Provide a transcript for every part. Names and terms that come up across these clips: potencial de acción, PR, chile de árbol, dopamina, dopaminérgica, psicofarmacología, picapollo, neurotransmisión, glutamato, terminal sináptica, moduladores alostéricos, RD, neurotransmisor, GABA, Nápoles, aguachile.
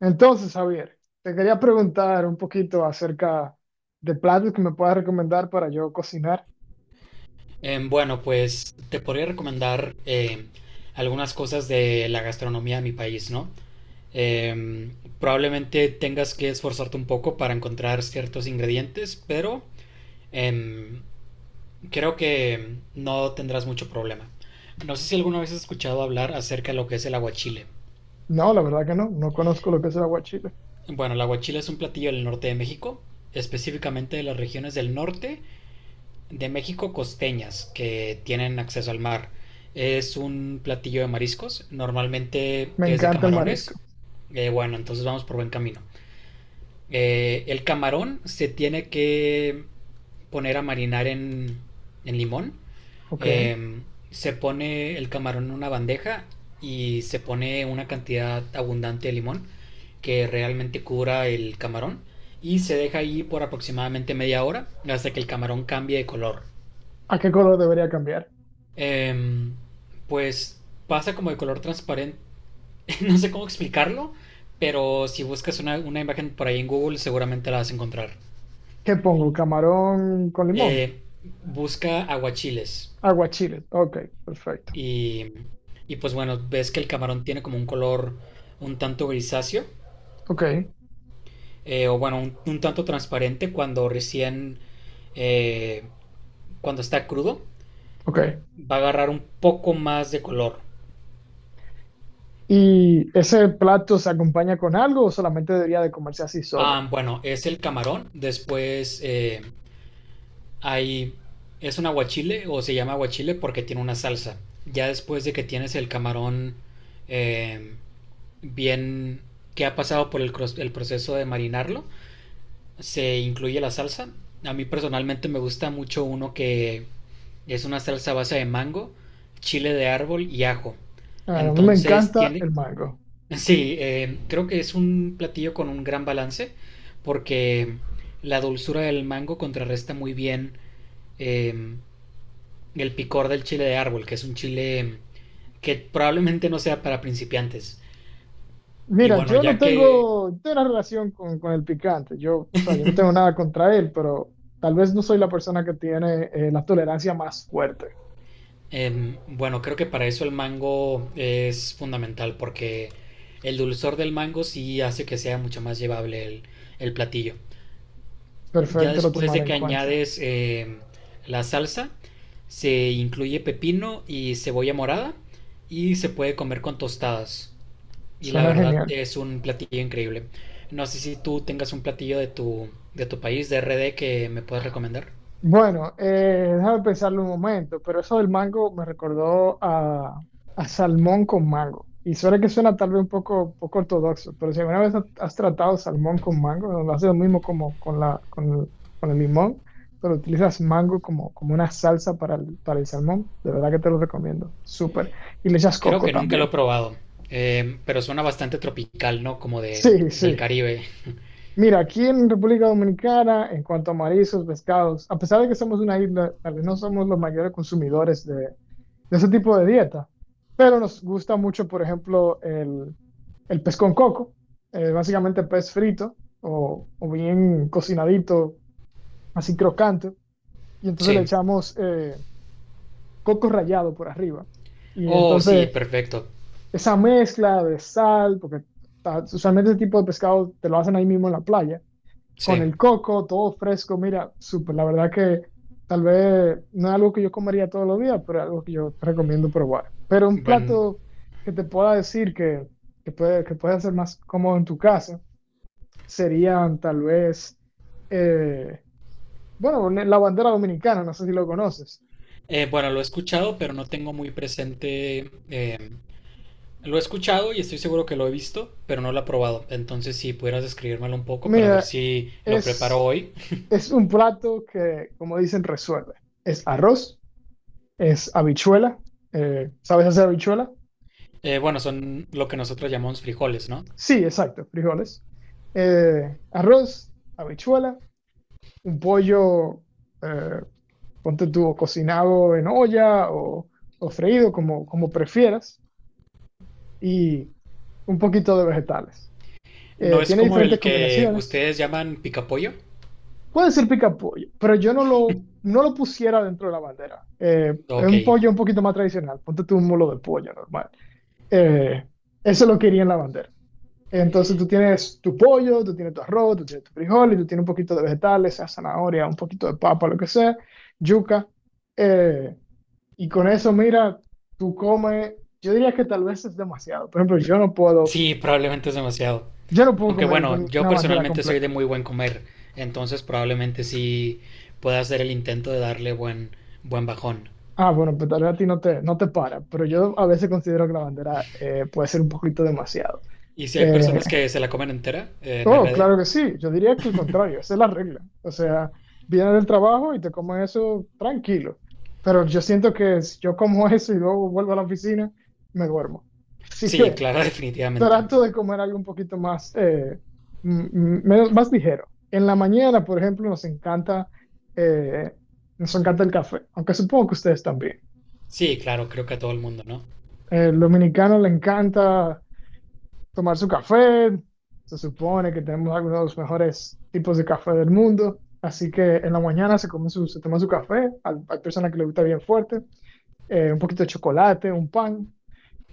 Entonces, Javier, te quería preguntar un poquito acerca de platos que me puedas recomendar para yo cocinar. Bueno, pues te podría recomendar algunas cosas de la gastronomía de mi país, ¿no? Eh, Probablemente tengas que esforzarte un poco para encontrar ciertos ingredientes, pero em, creo que no tendrás mucho problema. No sé si alguna vez has escuchado hablar acerca de lo que es el aguachile. No, la verdad que no, conozco lo que es el aguachile. Bueno, el aguachile es un platillo del norte de México, específicamente de las regiones del norte de México costeñas que tienen acceso al mar. Es un platillo de mariscos, normalmente Me es de encanta el marisco. camarones. Bueno, entonces vamos por buen camino. El camarón se tiene que poner a marinar en limón. Ok. Eh, Se pone el camarón en una bandeja y se pone una cantidad abundante de limón que realmente cubra el camarón y se deja ahí por aproximadamente media hora hasta que el camarón cambie de color. ¿A qué color debería cambiar? em, pues pasa como de color transparente, no sé cómo explicarlo, pero si buscas una imagen por ahí en Google seguramente la vas a encontrar. ¿Qué pongo? ¿Camarón con limón? Eh, Busca aguachiles Aguachile. Ok, perfecto. y, y pues bueno, ves que el camarón tiene como un color un tanto grisáceo, Ok, o bueno, un tanto transparente cuando recién, eh, cuando está crudo, ok. va a agarrar un poco más de color. ¿Y ese plato se acompaña con algo o solamente debería de comerse así solo? Ah, bueno, es el camarón, después... Hay, es un aguachile o se llama aguachile porque tiene una salsa. Ya después de que tienes el camarón eh, bien, que ha pasado por el proceso de marinarlo, se incluye la salsa. A mí personalmente me gusta mucho uno que es una salsa a base de mango, chile de árbol y ajo. Ah, a mí me Entonces encanta tiene, el mango. sí, creo que es un platillo con un gran balance porque la dulzura del mango contrarresta muy bien, eh, el picor del chile de árbol, que es un chile que probablemente no sea para principiantes. Y Mira, bueno, yo no ya que, tengo, no tengo una relación con, el picante. Yo, o sea, yo no tengo nada contra él, pero tal vez no soy la persona que tiene la tolerancia más fuerte. Bueno, creo que para eso el mango es fundamental, porque el dulzor del mango sí hace que sea mucho más llevable el platillo. Ya Perfecto, lo después de tomaré en que cuenta. añades la salsa, se incluye pepino y cebolla morada y se puede comer con tostadas. Y la Suena verdad genial. es un platillo increíble. No sé si tú tengas un platillo de tu país, de RD, que me puedas recomendar. Bueno, déjame pensarlo un momento, pero eso del mango me recordó a salmón con mango. Y suena que suena tal vez un poco, poco ortodoxo, pero si alguna vez has tratado salmón con mango, lo haces lo mismo como con la, con el limón, pero utilizas mango como, como una salsa para el salmón, de verdad que te lo recomiendo, súper. Y le echas Creo coco que nunca lo he también. probado, pero suena bastante tropical, ¿no? Como de, Sí, del sí. Caribe. Mira, aquí en República Dominicana, en cuanto a mariscos, pescados, a pesar de que somos una isla, tal vez no somos los mayores consumidores de ese tipo de dieta, pero nos gusta mucho, por ejemplo, el pez con coco, básicamente pez frito o bien cocinadito, así crocante, y entonces le Sí. echamos coco rallado por arriba. Y Oh, sí, entonces perfecto. esa mezcla de sal, porque usualmente ese tipo de pescado te lo hacen ahí mismo en la playa con Sí. el coco, todo fresco. Mira, súper, la verdad que tal vez no es algo que yo comería todos los días, pero es algo que yo recomiendo probar. Pero un Bueno, plato que te pueda decir que puede ser más cómodo en tu casa serían tal vez, eh, bueno, la bandera dominicana, no sé si lo conoces. Bueno, lo he escuchado, pero no tengo muy presente. Lo he escuchado y estoy seguro que lo he visto, pero no lo he probado. Entonces, si pudieras describírmelo un poco para ver Mira, si lo preparo es, hoy. es un plato que, como dicen, resuelve. Es arroz, es habichuela. ¿Sabes hacer habichuela? Bueno, son lo que nosotros llamamos frijoles, ¿no? Sí, exacto, frijoles. Arroz, habichuela, un pollo, eh, ponte tú, cocinado en olla o freído, como, como prefieras, y un poquito de vegetales. ¿No es Tiene como el diferentes que combinaciones. ustedes llaman picapollo? Puede ser pica pollo, pero yo no lo, no lo pusiera dentro de la bandera. Es Ok. un pollo un poquito más tradicional, ponte tú un mulo de pollo normal. Eh, eso lo quería en la bandera. Entonces tú tienes tu pollo, tú tienes tu arroz, tú tienes tu frijol y tú tienes un poquito de vegetales, sea zanahoria, un poquito de papa, lo que sea, yuca. Eh, y con eso, mira, tú comes, yo diría que tal vez es demasiado. Por ejemplo, Sí, probablemente es demasiado. yo no puedo Aunque comer con bueno, yo una bandera personalmente soy de completa. muy buen comer, entonces probablemente sí pueda hacer el intento de darle buen, buen bajón. Ah, bueno, pues tal vez a ti no te, no te para, pero yo a veces considero que la bandera puede ser un poquito demasiado. ¿Y si hay Eh, personas que se la comen entera, en Oh, RD? claro que sí. Yo diría que el contrario, esa es la regla. O sea, vienes del trabajo y te comes eso tranquilo. Pero yo siento que si yo como eso y luego vuelvo a la oficina, me duermo. Así Sí, que claro, definitivamente. trato de comer algo un poquito más, menos, más ligero. En la mañana, por ejemplo, eh, nos encanta el café, aunque supongo que ustedes también. Sí, claro, creo que a todo el mundo, ¿no? El dominicano le encanta tomar su café. Se supone que tenemos algunos de los mejores tipos de café del mundo. Así que en la mañana se, come su, se toma su café. Hay personas que le gusta bien fuerte. Un poquito de chocolate, un pan.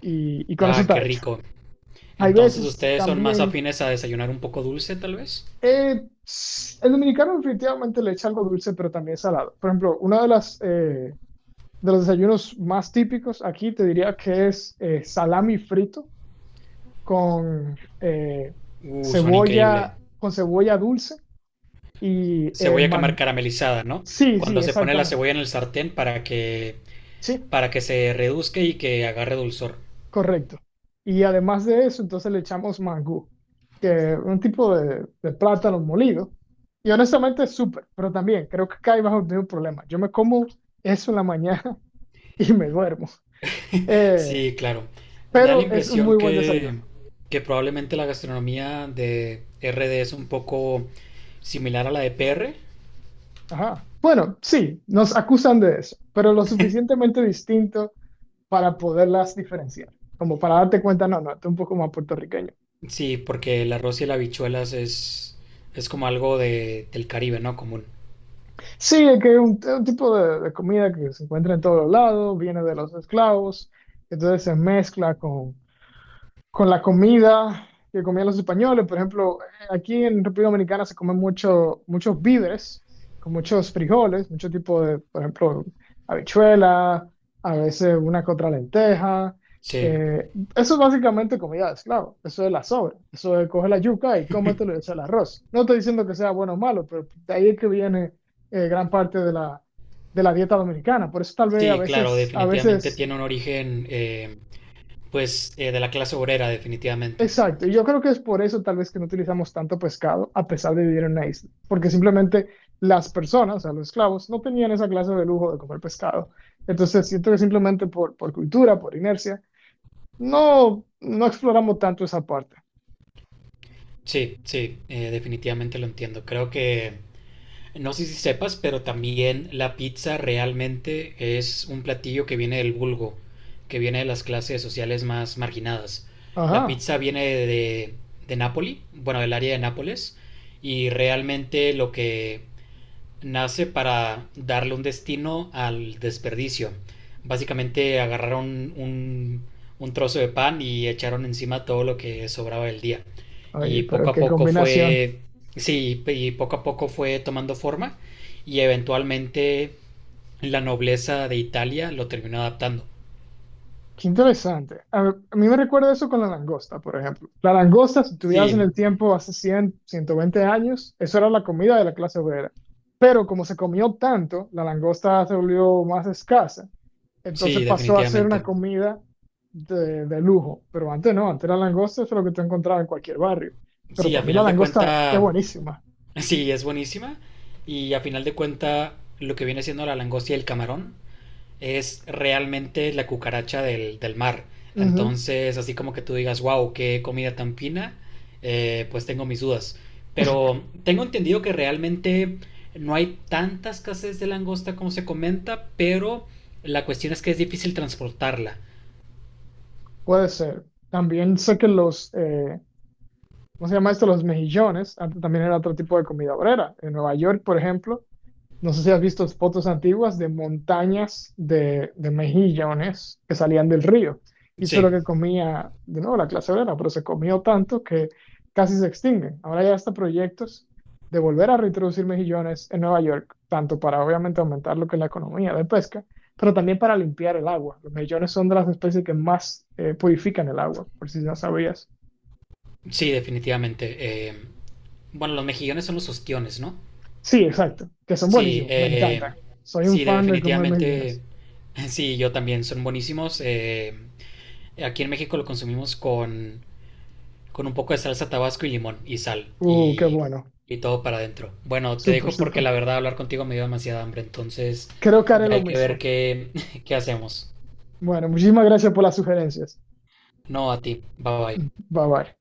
Y con eso Ah, qué está hecho. rico. Hay Entonces veces ustedes son más también... afines a desayunar un poco dulce, tal vez. eh, el dominicano definitivamente le echa algo dulce, pero también salado. Por ejemplo, uno de las... de los desayunos más típicos aquí te diría que es salami frito con Suena increíble. cebolla, con cebolla dulce. Y Cebolla caramelizada, ¿no? sí, sí, Cuando se pone la exactamente. cebolla en el sartén Sí, para que se reduzca y que agarre dulzor. correcto. Y además de eso, entonces le echamos mangú, que es un tipo de plátano molido. Y honestamente es súper, pero también creo que cae bajo el mismo problema. Yo me como eso en la mañana y me duermo. Eh, Sí, claro. Me da la pero es un impresión muy buen desayuno. Que probablemente la gastronomía de RD es un poco similar a la de PR. Ajá. Bueno, sí, nos acusan de eso, pero lo suficientemente distinto para poderlas diferenciar, como para darte cuenta, no, no, esto es un poco más puertorriqueño. Sí, porque el arroz y las habichuelas es como algo de, del Caribe, ¿no? Común. Sí, es que es un tipo de comida que se encuentra en todos lados, viene de los esclavos, entonces se mezcla con la comida que comían los españoles. Por ejemplo, aquí en República Dominicana se comen mucho, muchos víveres, con muchos frijoles, mucho tipo de, por ejemplo, habichuela, a veces una que otra lenteja. Sí, Eh, eso es básicamente comida de esclavo, eso es la sobra, eso es coge la yuca y cómetelo y echa el arroz. No estoy diciendo que sea bueno o malo, pero de ahí es que viene gran parte de la dieta dominicana. Por eso tal vez sí, claro, a definitivamente veces tiene un origen, de la clase obrera, definitivamente. exacto, y yo creo que es por eso tal vez que no utilizamos tanto pescado a pesar de vivir en una isla, porque simplemente las personas, o sea, los esclavos, no tenían esa clase de lujo de comer pescado. Entonces siento que simplemente por cultura, por inercia, no, no exploramos tanto esa parte. Sí, sí, definitivamente lo entiendo. Creo que, no sé si sepas, pero también la pizza realmente es un platillo que viene del vulgo, que viene de las clases sociales más marginadas. La Ajá, pizza viene de Nápoli, bueno, del área de Nápoles, y realmente lo que nace para darle un destino al desperdicio. Básicamente agarraron un trozo de pan y echaron encima todo lo que sobraba del día. oye, Y poco pero a qué poco combinación. fue, sí, y poco a poco fue tomando forma y eventualmente la nobleza de Italia lo terminó adaptando. Qué interesante. A mí me recuerda eso con la langosta, por ejemplo. La langosta, si tuvieras en Sí, el tiempo hace 100, 120 años, eso era la comida de la clase obrera. Pero como se comió tanto, la langosta se volvió más escasa. sí, Entonces pasó a ser una definitivamente. comida de lujo. Pero antes no, antes la langosta es lo que tú encontrabas en cualquier barrio. Pero Sí, a para mí la final de langosta es cuenta, buenísima. sí, es buenísima. Y a final de cuenta, lo que viene siendo la langosta y el camarón es realmente la cucaracha del, del mar. Ujú, Entonces, así como que tú digas, wow, qué comida tan fina, pues tengo mis dudas. Pero tengo entendido que realmente no hay tanta escasez de langosta como se comenta, pero la cuestión es que es difícil transportarla. puede ser. También sé que los, ¿cómo se llama esto? Los mejillones. Antes también era otro tipo de comida obrera. En Nueva York, por ejemplo, no sé si has visto fotos antiguas de montañas de mejillones que salían del río. Y eso es lo Sí, que comía, de nuevo, la clase obrera, pero se comió tanto que casi se extinguen. Ahora ya hasta proyectos de volver a reintroducir mejillones en Nueva York, tanto para obviamente aumentar lo que es la economía de pesca, pero también para limpiar el agua. Los mejillones son de las especies que más purifican el agua, por si no sabías. sí, definitivamente. Bueno, los mejillones son los ostiones, ¿no? Sí, exacto, que son Sí, buenísimos, me encantan. Soy un sí, fan de comer definitivamente. mejillones. Sí, yo también, son buenísimos. Aquí en México lo consumimos con un poco de salsa tabasco y limón y sal Qué bueno, y todo para adentro. Bueno, te súper, dejo porque súper. la verdad hablar contigo me dio demasiada hambre, entonces Creo que haré ya lo hay que ver mismo. qué, qué hacemos. Bueno, muchísimas gracias por las sugerencias. No, a ti, bye bye. Bye bye.